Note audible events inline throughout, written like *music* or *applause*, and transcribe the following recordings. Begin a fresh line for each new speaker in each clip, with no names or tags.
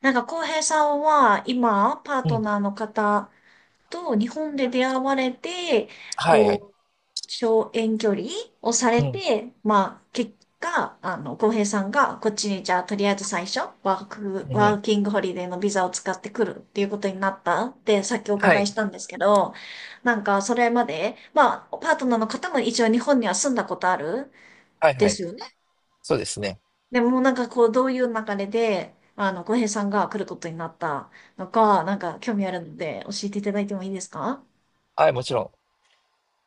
浩平さんは、今、パー
う
ト
ん。
ナーの方と日本で出会われて、
はいはい。
こう、小遠距離をさ
う
れ
ん。
て、まあ、結果、浩平さんが、こっちに、じゃあ、とりあえず最初、
う
ワ
ん。
ーキングホリデーのビザを使ってくるっていうことになったって、さっきお
は
伺い
い。
したんですけど、それまで、まあ、パートナーの方も一応日本には住んだことある
はいは
で
い。
すよね。
そうですね。
でもうなんかこう、どういう流れで、浩平さんが来ることになったのか、なんか興味あるので教えていただいてもいいですか？
はい、もちろん。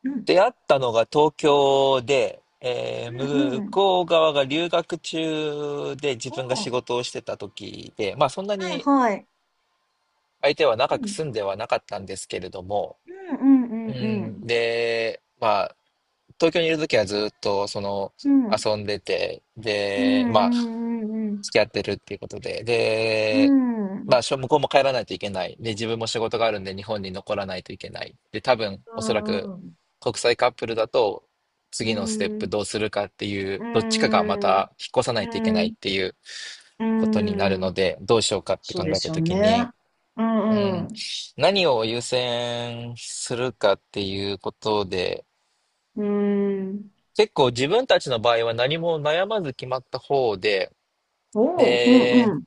うん。
出会ったのが東京で、
うん、
向
うん。
こう側が留学中で自
お
分が仕
ー、
事をしてた時で、まあそんな
はい、
に
はい。
相手は
う
長く
ん、
住んではなかったんですけれども、
うん、うん、
う
う
ん、
ん。
で、まあ東京にいる時はずっとその
うん、
遊んでて、
う
で、まあ、
ん、うん、うん。
付き合ってるっていうことで、
うん。う
で、
んうん、う
ま
ん、
あ、向こうも帰らないといけない。で、自分も仕事があるんで日本に残らないといけない。で、多分、おそらく国際カップルだと、
う
次のステッ
ん、う
プ
ん、
どうするかっていう、どっちかがまた引っ越さない
う
といけない
ん、
っていう
う
ことになるの
ん、
で、どうしようかって
そ
考
うで
えた
すよ
とき
ね。
に、
う
う
ん、
ん、
うん、
何を優先するかっていうことで、
うん、
結構自分たちの場合は何も悩まず決まった方で、
おー、う
で、
ん、うん、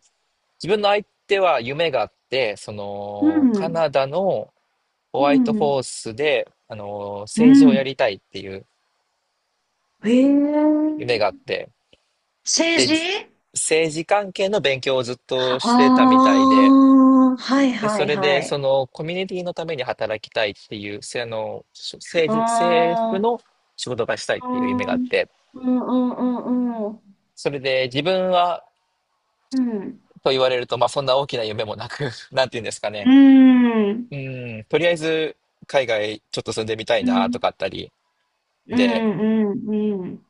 自分の相手は夢があって、そ
う
の、カ
ん、
ナダのホ
う
ワイトホ
ん、
ースで、あの、
う
政治をや
ん。
りたいっていう
へえ。
夢があって、
政
で、
治。
政治関係の勉強をずっと
あ
してたみたいで、
あー、はい
で、
は
そ
い
れで、
は
そ
い。
の、コミュニティのために働きたいっていう、せあの、し政治、政府
あ
の仕事がしたいっ
あ、う
ていう夢が
ん、
あ
う
っ
ん
て、
うんうんうん。
それで自分は
うん。
と言われると、まあそんな大きな夢もなく、*laughs* なんて言うんですか
う
ね。
ん。
うん、とりあえず海外ちょっと住んでみたい
う
なと
ん。
かあったり。
う
で、
んうんうんうん。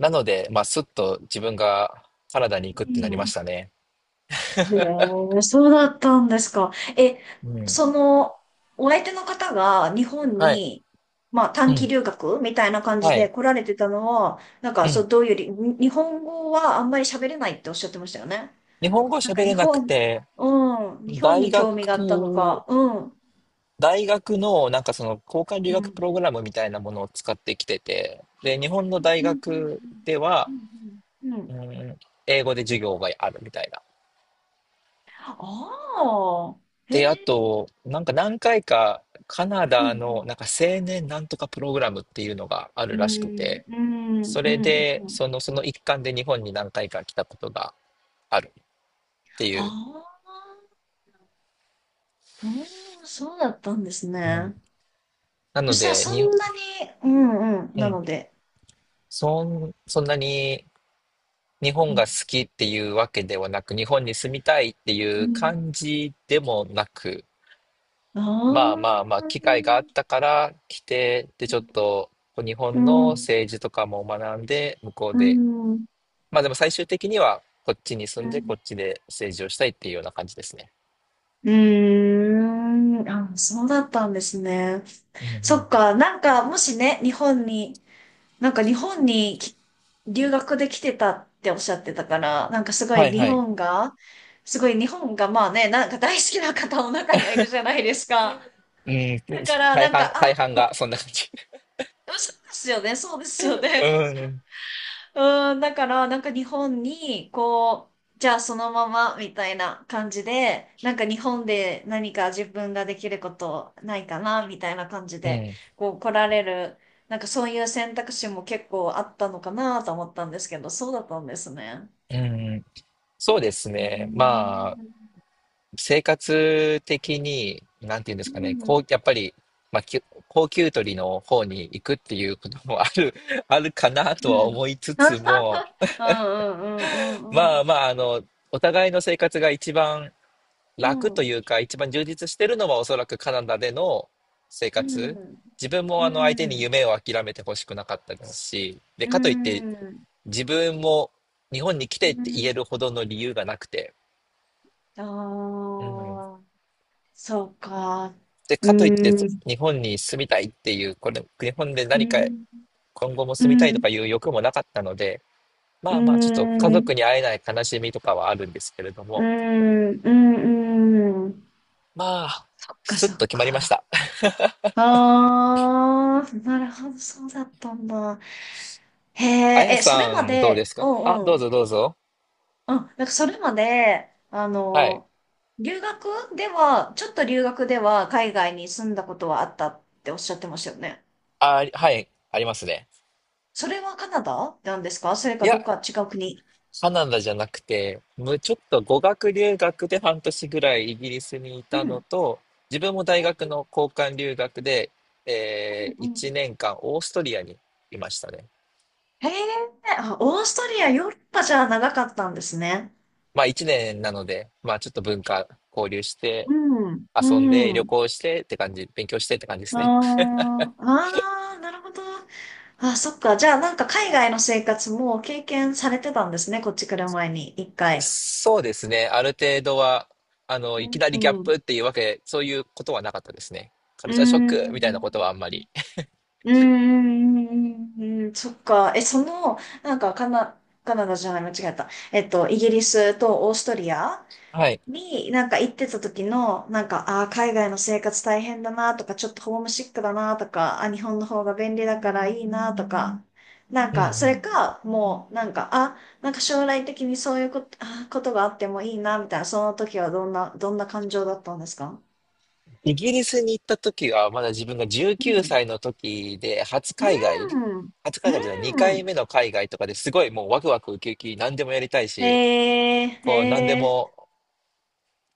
なので、まあすっと自分がカナダに行くってなり
う
まし
ん。
たね。
へえ、そうだったんですか。え、
うん。
その、お相手の方が日本
はい。
に、まあ
う
短期
ん。
留学みたいな感
は
じで
い。
来られてたのは、
う
そ
ん。
う、どういうり、に日本語はあんまり喋れないっておっしゃってましたよね。
日本語
なん
喋
か日
れなく
本、
て、
うん、日本
大
に興味があったの
学、
か、うん、
大学のなんかその交換留
う
学プ
ん。
ログラムみたいなものを使ってきてて、で、日本の大学では、
うん。
うん、英語で授業があるみたいな。
ああー、
で、あ
へえ。
と、なんか何回かカナ
う
ダの
ん、
なんか青年なんとかプログラムっていうのがあ
う
るらしく
ん、
て、
うん、
そ
う
れ
ん。
で、
うん、
その、その一環で日本に何回か来たことがあるってい
あ
う。
あ。うーん、そうだったんです
うん、
ね。
な
そ
の
したら
で、
そ
に、
んなに、うんうん、
う
な
ん、
ので。
そんなに日
う
本が好きっていうわけではなく、日本に住みたいっていう
ん。
感じでもなく、
あ
まあまあまあ、
あ
機会があっ
ー、
たから来て、で、ちょっと日
う
本の
ん、
政治とかも学んで、向こう
う
で
ん、うん。
まあでも最終的にはこっちに住んでこっちで政治をしたいっていうような感じですね。
うーん、あ、そうだったんですね。
うんう
そ
ん。
っか、もしね、日本に留学で来てたっておっしゃってたから、なんかすご
は
い
い
日
はい。
本が、すごい日本がまあね、なんか大好きな方も中にはいるじゃないですか。
うん、
だから、
大半がそんな感じ。
そうですよね、そうですよ
*laughs*
ね。
うん。
うん、だから、なんか日本に、こう、じゃあそのままみたいな感じで、なんか日本で何か自分ができることないかな、みたいな感じ
う
で、
ん。
こう来られる、なんかそういう選択肢も結構あったのかなと思ったんですけど、そうだったんですね。
うん。そうです
うー
ね。まあ、
ん。
生活的に、なんていうんで
う
すかね、こ
ん。
う、やっぱり、まあ、高給取りの方に行くっていうこともある、*laughs* あるかな
う
と
ん。
は思いつつ
*laughs*
も、
うんうんうんうん
ま
う
あ
ん。
まあ、あの、お互いの生活が一番
う
楽と
ん。
いうか、一番充実してるのはおそらくカナダでの生
う
活。
ん。
自分も
う
あの相手に
ん。
夢を諦めてほしくなかったですし、で、
う
かといって
ん。
自分も日本に来
う
てって言
ん。
えるほどの理由がなくて、
あ
うん。
あ、そうか。
で、
う
かといって
ーん、
日本に住みたいっていう、これ、日本で
う
何か
ん、
今後も
う
住みたいと
ん、
かいう欲もなかったので、
う
まあまあちょっと家
ん、う
族に会えない悲しみとかはあるんですけれども、
ん、うん、うん。
まあ、
そっか
すっ
そっ
と決まりまし
か。
た。
ああ、なるほど、そうだったんだ。へ
あや
え、え、それ
さ
ま
んどうで
で、
す
う
かあ、
ん
どう
うん。
ぞどうぞ。
うん、なんかそれまで、
はい。
留学では、ちょっと留学では海外に住んだことはあったっておっしゃってましたよね。
あ、はい、ありますね。
それはカナダなんですか、それ
い
か
や、
どっか違う国。
カナダじゃなくて、ちょっと語学留学で半年ぐらいイギリスにい
う
たの
ん
と、自分も大
う
学の交換留学で、
んうん、
1年間オーストリアにいましたね。
へえ、あ、オーストリア、ヨーロッパじゃ長かったんですね。
まあ1年なので、まあちょっと文化交流して、
うん、
遊んで、
う
旅
ん。
行してって感じ、勉強してって感じですね。
あーあー、なるほど。あ、そっか。じゃあ、なんか海外の生活も経験されてたんですね。こっち来る前に、一回。
そうですね。ある程度は、あの、
う
いき
ん、
なりギャッ
うん。
プっていうわけ、そういうことはなかったですね。カ
う
ルチャーショックみたいなこと
ん。
はあんまり。
うん、そっか。え、その、カナダじゃない、間違えた。イギリスとオーストリア
はい。
に、なんか行ってた時の、なんか、ああ、海外の生活大変だなとか、ちょっとホームシックだなとか、あ、日本の方が便利だからいいなとか、なん
うんう
か、それ
ん。
か、もう、なんか、あ、なんか将来的にそういうこと、あー、ことがあってもいいな、みたいな、その時はどんな感情だったんですか？
イギリスに行った時は、まだ自分が
う
19
ん。
歳の時で、初海外、
うん。
初海外じゃない、2
う
回
ん。
目の海外とかですごいもうワクワクウキウキ、何でもやりたい
へ
し、
え、へ
こう何で
え、
も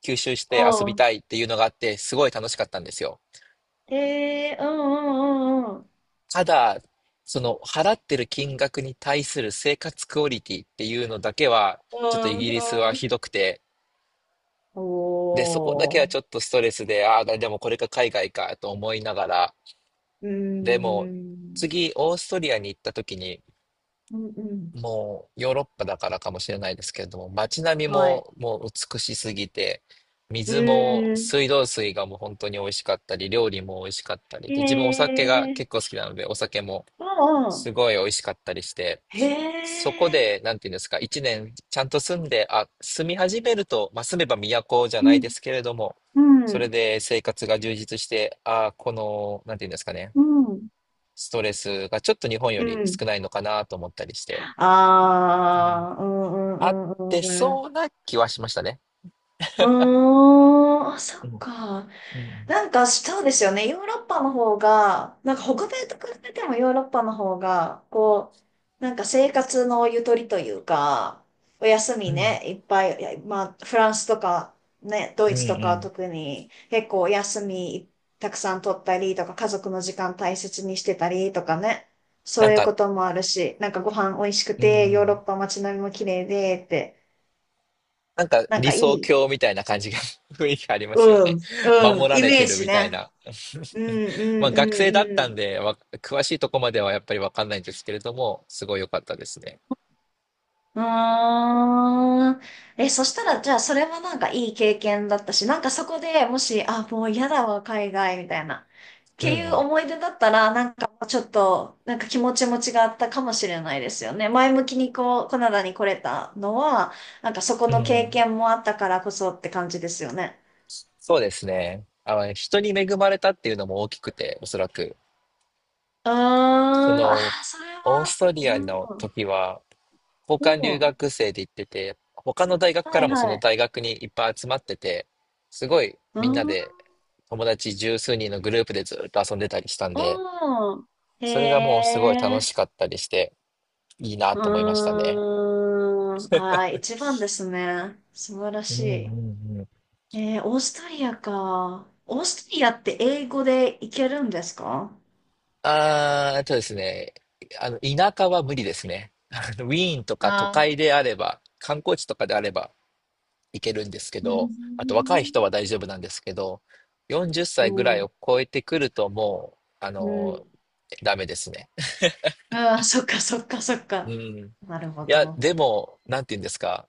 吸収し
お
て遊び
う、
たいっていうのがあって、すごい楽しかったんですよ。
へえ、うんうん
ただ、その払ってる金額に対する生活クオリティっていうのだけは、
う
ちょっとイ
んうん。
ギ
う
リス
ん、
は
うん。
ひどくて、
お
で、そこだけ
ー。
はちょっとストレスで、ああ、でもこれが海外かと思いながら、
うー
でも
ん。
次、オーストリアに行った時に、
うんうん。
もうヨーロッパだからかもしれないですけれども、街並み
はい。
ももう美しすぎて、
う
水も
ーん。
水道水がもう本当に美味しかったり、料理も美味しかったり、
へ
で自分お酒が
え。
結構好きなので、お酒も
あ
す
あ。
ごい美味しかったりして、
へ
そこ
え。
で、なんていうんですか、一年ちゃんと住んで、あ、住み始めると、まあ、住めば都じゃ
う
ないで
ん。
すけれども、
う
それ
ん。
で生活が充実して、あ、この、なんていうんですかね、
うん。
ストレスがちょっと日本よ
う
り
ん。
少ないのかなと思ったりして。
ああ。うんう
あっ
ん
て
うんうん。
そうな気はしましたね。
うーん。あ、そ
う
っ
ん。
か。
うん。
なんかそうですよね。ヨーロッパの方が、なんか北米と比べてもヨーロッパの方が、なんか生活のゆとりというか、お休
う
み
ん。
ね、いっぱい、いやまあフランスとかね、ド
う
イ
ん。う
ツとかは
ん
特に結構お休みたくさん取ったりとか、家族の時間大切にしてたりとかね、そ
な
う
ん
いう
か、
こともあるし、なんかご飯美味しく
う
て、ヨーロ
ん。
ッパ街並みも綺麗でって、
なんか
なん
理
かい
想
い、
郷みたいな感じが *laughs* 雰囲気ありますよ
う
ね。
ん、う
守
ん、
ら
イ
れ
メ
て
ー
る
ジ
みたい
ね。
な。
うん、う
*laughs* まあ
ん、う
学生だっ
ん、う
たん
ん。
で、詳しいとこまではやっぱりわかんないんですけれども、すごい良かったですね。
うーん。え、そしたら、じゃあ、それはなんかいい経験だったし、なんかそこでもし、あ、もう嫌だわ、海外、みたいな、っ
う
ていう
ん
思い出だったら、なんかもうちょっと、なんか気持ちも違ったかもしれないですよね。前向きにこう、カナダに来れたのは、なんかそこ
う
の
ん。う
経
ん。
験もあったからこそって感じですよね。
そうですね。あの、人に恵まれたっていうのも大きくて、おそらく。
うーん、
そ
あ
の、
ー、それ
オー
は、
スト
う
リアの
ん、
時は、交
う
換留
ん、
学生で行ってて、他の大学か
は
ら
い
もそ
は
の
い。
大学にいっぱい集まってて、すごい
う
みんな
ん、
で友達十数人のグループでずっと遊んでたりしたんで、
うん。
それがも
へ
うすごい楽
え。
しかったりして、いいな
う
と思いました
ー
ね。
ん。あー、一番ですね。素晴ら
うんう
し
んうん。
い。えー、オーストリアか。オーストリアって英語でいけるんですか？
あー、あとですね、あの、田舎は無理ですね。あのウィーンとか都
あー、
会であれば、観光地とかであればいけるんですけ
うん。
ど、あと若い人は大丈夫なんですけど、40
う
歳ぐらい
ん。
を超えてくるともう、あ
う
の、
ん。
ダメですね。
ああ、そっかそっかそっ
う
か。
ん。い
なるほ
や、
ど。
でも、なんて言うんですか。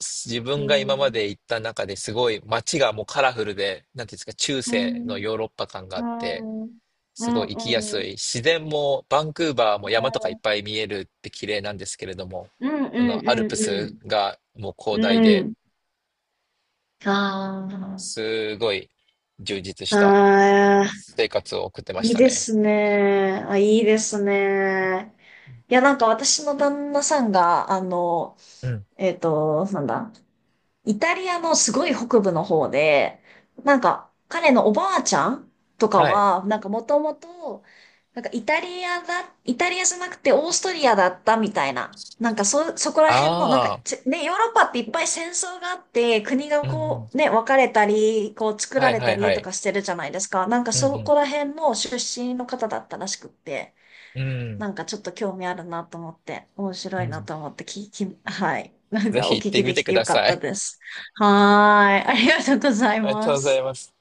自
う
分が今ま
ん。
で行った中ですごい街がもうカラフルで、なんていうんですか、中
う
世の
ん。
ヨーロッパ感が
う
あって、
ん。うん。う
す
ん。
ごい行
う
きや
ん。
す
う
い。
ん。
自然もバンクーバーも山とかいっぱい見えるって綺麗なんですけれども、
うん。
そ
う
のアルプス
ん。
がもう広大
う
で
ん。あ
すごい充実し
あ。
た
ああ。
生活を送ってまし
いい
た
で
ね。
すね。あ、いいですね。いや、なんか私の旦那さんが、あの、
うん。
えっと、なんだ、イタリアのすごい北部の方で、なんか彼のおばあちゃんとか
はい。
は、なんかもともと、イタリアじゃなくてオーストリアだったみたいな。そこら辺の、
ああ
ね、ヨーロッパっていっぱい戦争があって、国が
うん、うん。
こう、ね、分かれたり、こう作
は
ら
い
れ
は
た
いは
りと
い。
かしてるじゃないですか。なんか
うん、
そ
うん。
こら辺の出身の方だったらしくって。
うん、
なんかちょっと興味あるなと思って、面
う
白い
ん。
なと思って聞き、はい。なん
ぜ
か
ひ
お
行っ
聞
て
き
み
でき
てく
てよ
だ
かっ
さ
た
い。
です。はーい。ありがとうござい
*laughs* ありがとう
ま
ござい
す。
ます。